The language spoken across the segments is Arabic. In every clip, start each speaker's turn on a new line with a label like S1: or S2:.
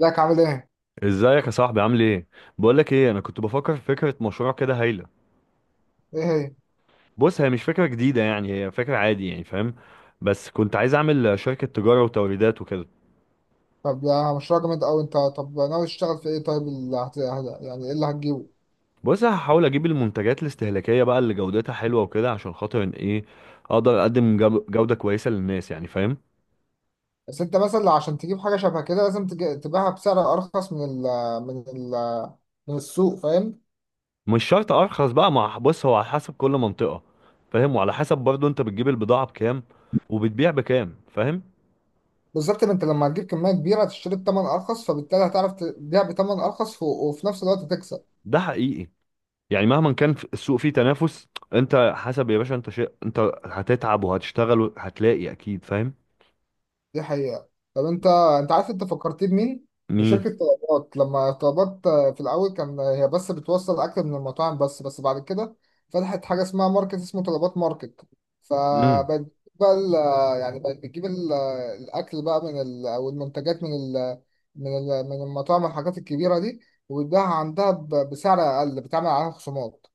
S1: ازيك عامل ايه؟
S2: ازيك يا صاحبي؟ عامل ايه؟ بقول لك ايه، انا كنت بفكر في فكره مشروع كده هايله.
S1: ايه هي؟
S2: بص، هي مش فكره جديده يعني، هي فكره عادي يعني، فاهم؟ بس كنت عايز اعمل شركه تجاره وتوريدات وكده.
S1: طب ده مشروع جامد اوي. انت طب ناوي تشتغل في ايه؟ طيب اللي يعني ايه اللي هتجيبه؟
S2: بص، هحاول اجيب المنتجات الاستهلاكيه بقى اللي جودتها حلوه وكده، عشان خاطر ان ايه، اقدر اقدم جوده كويسه للناس يعني، فاهم؟
S1: بس انت مثلا عشان تجيب حاجة شبه كده لازم تبيعها بسعر ارخص من ال... من السوق، فاهم؟
S2: مش شرط ارخص بقى، مع بص هو على حسب كل منطقه فاهم، وعلى حسب برضو انت بتجيب البضاعه بكام وبتبيع بكام، فاهم؟
S1: بالظبط. ما انت لما هتجيب كمية كبيرة هتشتري بتمن ارخص، فبالتالي هتعرف تبيع بتمن ارخص، وفي نفس الوقت تكسب.
S2: ده حقيقي. يعني مهما كان السوق فيه تنافس، انت حسب يا باشا، انت شيء، انت هتتعب وهتشتغل وهتلاقي اكيد، فاهم؟
S1: دي حقيقة. طب انت، انت عارف انت فكرتني بمين؟
S2: مين؟
S1: بشركة طلبات. لما طلبات في الأول كان هي بس بتوصل أكل من المطاعم، بس بعد كده فتحت حاجة اسمها ماركت، اسمه طلبات ماركت.
S2: امم.
S1: فبقت بقى يعني بقت بتجيب الأكل بقى من ال أو المنتجات من من المطاعم والحاجات الكبيرة دي، وبتبيعها عندها بسعر أقل، بتعمل عليها خصومات.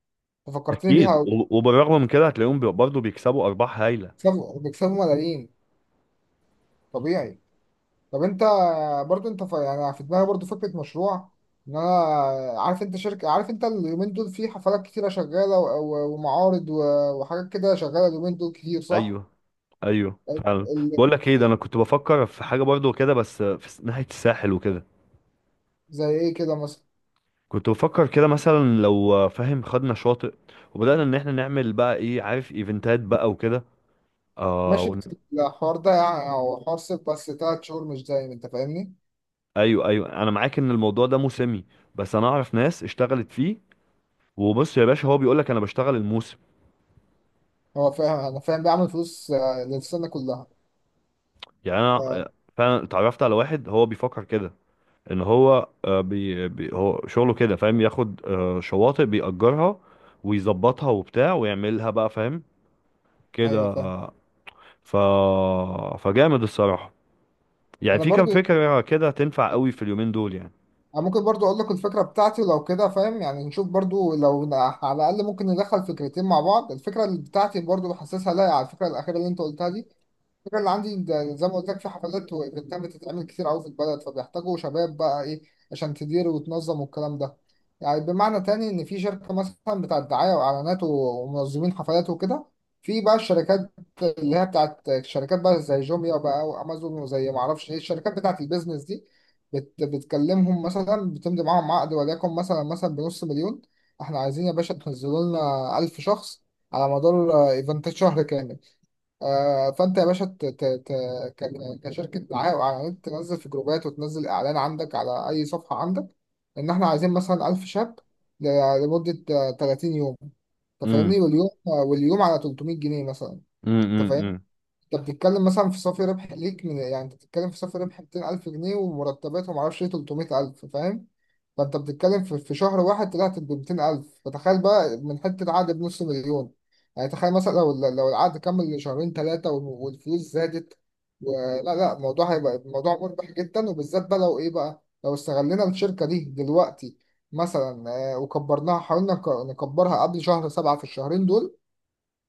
S1: ففكرتني بيها
S2: اكيد،
S1: أوي.
S2: وبالرغم من كده هتلاقيهم برضه بيكسبوا ارباح هايله.
S1: بيكسبوا ملايين، طبيعي. طب انت، برضو انت يعني في دماغي برضو فكره مشروع، ان انا عارف انت شركه، عارف انت اليومين دول في حفلات كتيره شغاله ومعارض وحاجات كده شغاله اليومين دول كتير، صح؟
S2: ايوه، ايوه
S1: ال...
S2: فعلا.
S1: ال...
S2: بقول لك ايه، ده انا كنت بفكر في حاجه برضه كده، بس في ناحيه الساحل وكده.
S1: زي ايه كده مثلا؟
S2: كنت بفكر كده مثلا لو فاهم، خدنا شاطئ وبدانا ان احنا نعمل بقى ايه، عارف، ايفنتات بقى وكده. اه
S1: ماشي، بس الحوار ده يعني او حوار صيف، بس تلات شهور مش دايم، انت فاهمني؟
S2: ايوه، ايوه، انا معاك ان الموضوع ده موسمي، بس انا اعرف ناس اشتغلت فيه. وبص يا باشا هو بيقول لك انا بشتغل الموسم
S1: هو فاهم، انا فاهم، بيعمل فلوس للسنه كلها.
S2: يعني. انا
S1: آه،
S2: آه، فعلا اتعرفت على واحد هو بيفكر كده، ان هو بي هو شغله كده فاهم، ياخد شواطئ بيأجرها ويظبطها وبتاع، ويعملها بقى فاهم، كده
S1: ايوه فاهم.
S2: آه، ف فجامد الصراحة. يعني
S1: انا
S2: في كام
S1: برضو،
S2: فكرة كده تنفع قوي في اليومين دول يعني.
S1: أنا ممكن برضو أقول لك الفكرة بتاعتي، ولو كده فاهم يعني نشوف برضو لو على الأقل ممكن ندخل فكرتين مع بعض. الفكرة اللي بتاعتي برضو حاسسها لايقة على الفكرة الأخيرة اللي أنت قلتها دي. الفكرة اللي عندي ده، زي ما قلت لك، في حفلات وايفنتات بتتعمل كتير قوي في البلد، فبيحتاجوا شباب بقى ايه عشان تدير وتنظم والكلام ده. يعني بمعنى تاني ان في شركة مثلا بتاعت دعاية واعلانات ومنظمين حفلات وكده، في بقى الشركات اللي هي بتاعت الشركات بقى زي جوميا بقى وامازون وزي ما اعرفش ايه الشركات بتاعت البيزنس دي، بتكلمهم مثلا، بتمضي معاهم عقد، وليكن مثلا بنص مليون. احنا عايزين يا باشا تنزلوا لنا 1000 شخص على مدار ايفنتات شهر كامل. فانت يا باشا كشركه دعايه واعلانات تنزل في جروبات، وتنزل اعلان عندك على اي صفحه عندك ان احنا عايزين مثلا 1000 شاب لمده 30 يوم. انت
S2: امم
S1: فاهمني؟ واليوم واليوم على 300 جنيه مثلا.
S2: امم
S1: انت فاهم؟
S2: امم
S1: انت بتتكلم مثلا في صافي ربح ليك من، يعني انت بتتكلم في صافي ربح 200,000 جنيه، ومرتبات وما اعرفش ايه 300,000، فاهم؟ فانت بتتكلم في شهر واحد طلعت ب 200,000، فتخيل بقى من حته عقد بنص مليون. يعني تخيل مثلا لو العقد كمل شهرين ثلاثه والفلوس زادت ولا لا، لا، الموضوع هيبقى الموضوع مربح جدا، وبالذات بقى لو ايه بقى لو استغلينا الشركه دي دلوقتي مثلا. وكبرناها، حاولنا نكبرها قبل شهر سبعة في الشهرين دول.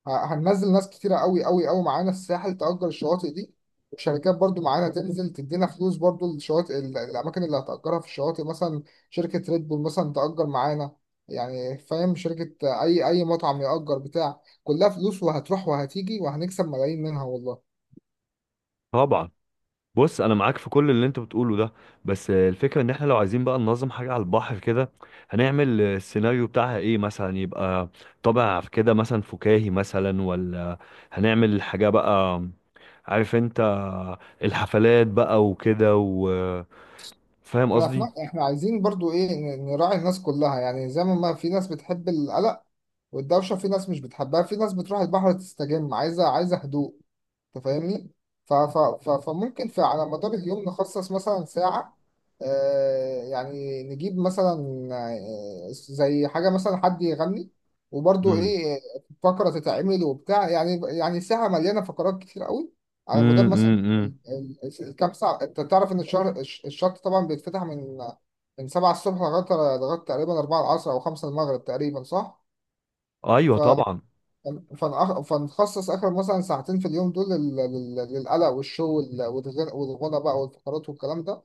S1: هننزل ناس كتيرة قوي قوي قوي معانا الساحل، تأجر الشواطئ دي، وشركات برضو معانا تنزل تدينا فلوس برضو. الشواطئ الأماكن اللي هتأجرها في الشواطئ مثلا شركة ريد بول مثلا تأجر معانا، يعني فاهم، شركة أي مطعم يأجر بتاع، كلها فلوس، وهتروح وهتيجي وهنكسب ملايين منها والله.
S2: طبعا. بص انا معاك في كل اللي انت بتقوله ده، بس الفكره ان احنا لو عايزين بقى ننظم حاجه على البحر كده، هنعمل السيناريو بتاعها ايه مثلا، يبقى طابع كده مثلا فكاهي مثلا، ولا هنعمل حاجه بقى عارف انت الحفلات بقى وكده، وفاهم
S1: احنا في
S2: قصدي.
S1: احنا عايزين برضو ايه، نراعي الناس كلها يعني. زي ما في ناس بتحب القلق والدوشة، في ناس مش بتحبها، في ناس بتروح البحر تستجم عايزة، عايزة هدوء. انت فاهمني؟ فممكن في على مدار اليوم نخصص مثلا ساعة، يعني نجيب مثلا زي حاجة مثلا حد يغني، وبرضو
S2: امم.
S1: ايه، فقرة تتعمل وبتاع، يعني يعني ساعة مليانة فقرات كتير قوي، على مدار مثلا
S2: امم.
S1: الكام ساعة. انت تعرف ان الشهر الشط طبعا بيتفتح من، من سبعة الصبح لغاية، لغاية تقريبا أربعة العصر أو خمسة المغرب تقريبا، صح؟
S2: ايوه
S1: ف
S2: طبعا.
S1: فنخصص آخر مثلا ساعتين في اليوم دول للقلق والشو والغنى بقى والفقرات والكلام ده،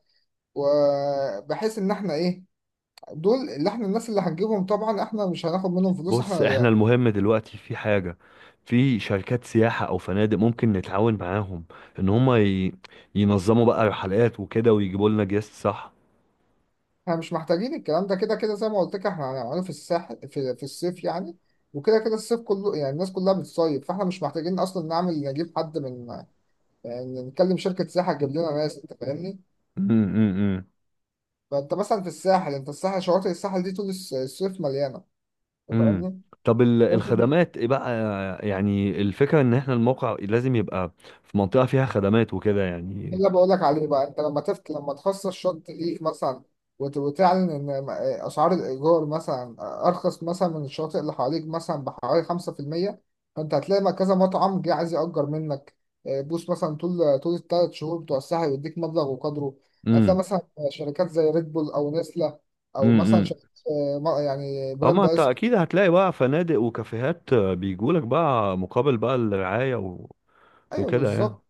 S1: وبحيث إن إحنا إيه، دول اللي إحنا، الناس اللي هنجيبهم طبعا إحنا مش هناخد منهم فلوس
S2: بص،
S1: إحنا.
S2: احنا المهم دلوقتي في حاجة، في شركات سياحة او فنادق ممكن نتعاون معاهم، ان هما ينظموا بقى رحلات وكده ويجيبوا لنا جيست، صح؟
S1: إحنا مش محتاجين الكلام ده، كده كده زي ما قلت لك إحنا هنعمله في الساحل في الصيف يعني. وكده كده الصيف كله يعني الناس كلها بتصيف، فإحنا مش محتاجين أصلا نعمل نجيب حد من، يعني نكلم شركة سياحة تجيب لنا ناس. أنت فاهمني؟
S2: امم.
S1: فأنت مثلا في الساحل، أنت الساحل، شواطئ الساحل دي طول الصيف مليانة. أنت
S2: امم.
S1: فاهمني؟
S2: طب
S1: انت،
S2: الخدمات ايه بقى؟ يعني الفكرة ان احنا الموقع لازم يبقى في منطقة فيها خدمات وكده
S1: ده
S2: يعني.
S1: اللي بقول لك عليه بقى. انت لما لما تخصص شط ليك مثلا، وتعلن ان اسعار الايجار مثلا ارخص مثلا من الشواطئ اللي حواليك مثلا بحوالي 5%، فانت هتلاقي ما كذا مطعم جه عايز يأجر منك. اه، بوس مثلا طول، طول الثلاث شهور بتوع الساحل يديك مبلغ وقدره. هتلاقي
S2: امم.
S1: مثلا شركات زي ريد بول او نسلة، او مثلا
S2: امم.
S1: شركات اه، يعني
S2: اما
S1: براند
S2: انت
S1: ايس كريم.
S2: اكيد هتلاقي بقى فنادق وكافيهات بيجولك بقى مقابل بقى الرعاية
S1: ايوه
S2: وكده يعني.
S1: بالظبط.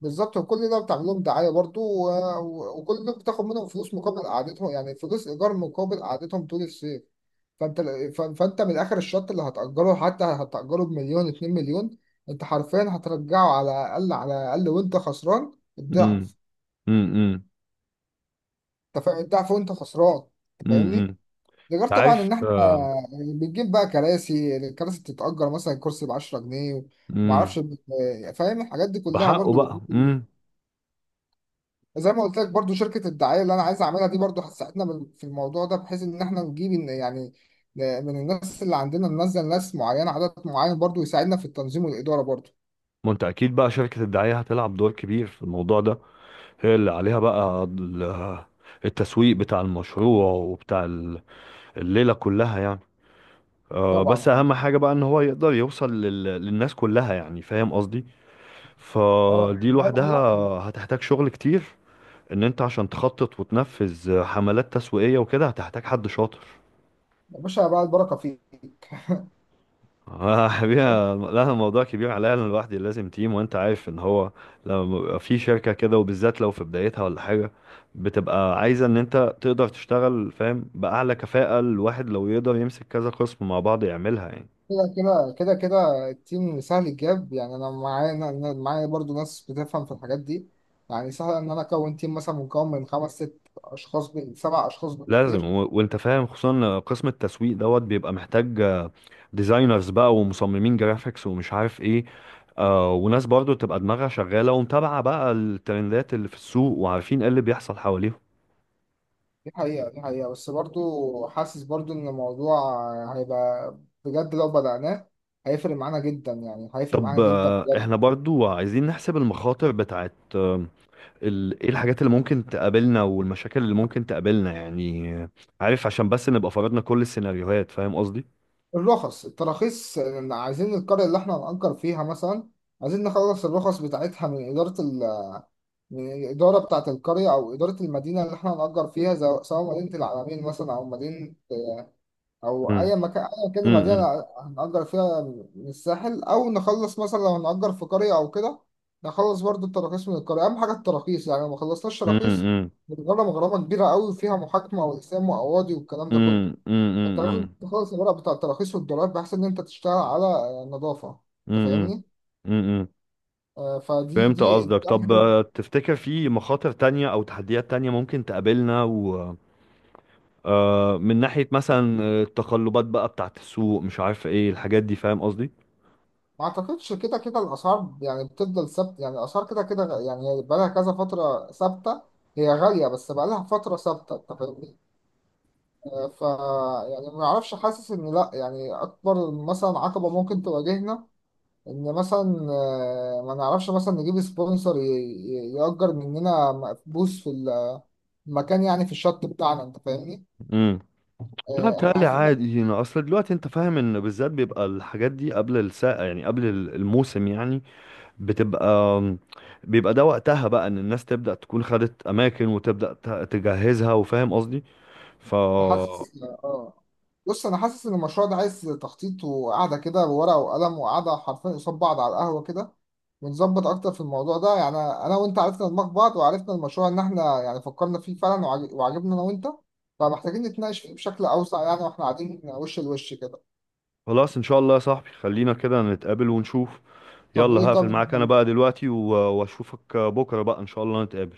S1: بالظبط، وكل ده بتعمل لهم دعايه برضو وكل ده بتاخد منهم فلوس مقابل قعدتهم، يعني فلوس ايجار مقابل قعدتهم طول الصيف. فانت فانت من اخر الشط اللي هتاجره، حتى هتاجره بمليون 2 مليون، انت حرفيا هترجعه على الاقل، على الاقل وانت خسران
S2: امم
S1: الضعف.
S2: امم إمم،
S1: انت فاهم الضعف وانت خسران؟ أنت
S2: إمم،
S1: فاهمني.
S2: إمم.
S1: ده غير طبعا
S2: عارف
S1: ان احنا
S2: آه،
S1: بنجيب بقى كراسي. الكراسي بتتاجر مثلا الكرسي ب 10 جنيه،
S2: امم.
S1: ومعرفش فاهم، الحاجات دي كلها
S2: بحقه
S1: برضو
S2: بقى،
S1: بتجيب.
S2: امم.
S1: زي ما قلت لك برضو، شركة الدعاية اللي أنا عايز أعملها دي برضو هتساعدنا في الموضوع ده، بحيث إن إحنا نجيب يعني من الناس اللي عندنا ننزل ناس معينة، عدد معين برضو يساعدنا في التنظيم والإدارة برضو.
S2: ما انت اكيد بقى شركة الدعاية هتلعب دور كبير في الموضوع ده. هي اللي عليها بقى التسويق بتاع المشروع وبتاع الليلة كلها يعني.
S1: طبعا.
S2: بس اهم حاجة بقى ان هو يقدر يوصل للناس كلها يعني، فاهم قصدي؟
S1: أه.
S2: فدي لوحدها
S1: لا،
S2: هتحتاج شغل كتير. ان انت عشان تخطط وتنفذ حملات تسويقية وكده هتحتاج حد شاطر.
S1: يا باشا بقى البركة فيك.
S2: حبيبي، لا، الموضوع كبير عليا انا لوحدي، لازم تيم. وانت عارف ان هو لما بيبقى في شركة كده وبالذات لو في بدايتها ولا حاجة، بتبقى عايزة ان انت تقدر تشتغل فاهم بأعلى كفاءة. الواحد لو يقدر يمسك كذا قسم مع بعض يعملها يعني.
S1: كده كده كده التيم سهل الجاب يعني. أنا معايا، أنا معايا برضو ناس بتفهم في الحاجات دي، يعني سهل إن أنا أكون تيم مثلا مكون من خمس ست أشخاص، سبع أشخاص
S2: لازم.
S1: بالكتير.
S2: وانت فاهم، خصوصا قسم التسويق دوت بيبقى محتاج ديزاينرز بقى، ومصممين جرافيكس، ومش عارف ايه. آه، وناس برضو تبقى دماغها شغالة ومتابعة بقى الترندات اللي في السوق، وعارفين ايه اللي بيحصل حواليهم.
S1: دي حقيقة، دي حقيقة، بس برضو حاسس برضو إن الموضوع هيبقى، بجد لو بدأناه هيفرق معانا جدا، يعني هيفرق
S2: طب
S1: معانا جدا بجد.
S2: احنا برضو عايزين نحسب المخاطر بتاعت ايه الحاجات اللي ممكن تقابلنا، والمشاكل اللي ممكن تقابلنا يعني، عارف، عشان بس نبقى فرضنا كل السيناريوهات، فاهم قصدي؟
S1: الرخص، التراخيص، إن عايزين القرية اللي احنا هنأجر فيها مثلا، عايزين نخلص الرخص بتاعتها من من الإدارة بتاعة القرية أو إدارة المدينة اللي احنا هنأجر فيها، سواء مدينة العلمين مثلا أو مدينة، او
S2: امم
S1: اي مكان اي كده
S2: امم
S1: مدينه هنأجر فيها من الساحل، او نخلص مثلا لو هنأجر في قريه او كده، نخلص برضو التراخيص من القريه. اهم حاجه التراخيص يعني، لو ما خلصناش تراخيص
S2: امم
S1: بنغرم غرامه كبيره قوي، فيها محاكمه والحساب وقواضي والكلام ده كله.
S2: امم
S1: انت لازم
S2: امم
S1: تخلص الورق بتاع التراخيص والدولاب، بحيث ان انت تشتغل على نظافه. انت
S2: امم
S1: فاهمني؟
S2: امم.
S1: فدي،
S2: فهمت
S1: دي دي
S2: قصدك. طب تفتكر في مخاطر تانية او تحديات تانية ممكن تقابلنا، و من ناحية مثلا التقلبات بقى بتاعت السوق، مش عارف ايه الحاجات دي، فاهم قصدي؟
S1: ما اعتقدش. كده كده الاسعار يعني بتفضل ثابته. يعني الاسعار كده كده يعني هي بقالها كذا فتره ثابته. هي غاليه بس بقالها فتره ثابته، انت فاهمني؟ آه، ف يعني ما اعرفش، حاسس ان لا، يعني اكبر مثلا عقبه ممكن تواجهنا ان مثلا ما نعرفش مثلا نجيب سبونسر يأجر مننا مقبوس في المكان، يعني في الشط بتاعنا. انت فاهمني؟
S2: لا،
S1: احنا
S2: بتهيألي
S1: عايزين،
S2: عادي يعني. اصل دلوقتي انت فاهم ان بالذات بيبقى الحاجات دي قبل الساقة يعني، قبل الموسم يعني، بتبقى بيبقى ده وقتها بقى ان الناس تبدأ تكون خدت اماكن وتبدأ تجهزها، وفاهم قصدي. ف
S1: انا حاسس اه. بص انا حاسس ان المشروع ده عايز تخطيط، وقعده كده بورقه وقلم، وقعده حرفيا قصاد بعض على القهوه كده، ونظبط اكتر في الموضوع ده. يعني انا وانت عرفنا دماغ بعض، وعرفنا المشروع ان احنا يعني فكرنا فيه فعلا وعجبنا انا وانت، فمحتاجين نتناقش فيه بشكل اوسع يعني، واحنا قاعدين وش لوش كده.
S2: خلاص ان شاء الله يا صاحبي، خلينا كده نتقابل ونشوف.
S1: طب
S2: يلا،
S1: ايه،
S2: هقفل
S1: طب
S2: معاك انا بقى دلوقتي، واشوفك بكرة بقى ان شاء الله نتقابل.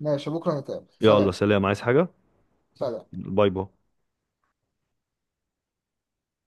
S1: ماشي، بكره نتقابل.
S2: يلا
S1: سلام.
S2: سلام. عايز حاجة؟
S1: سلام.
S2: باي باي.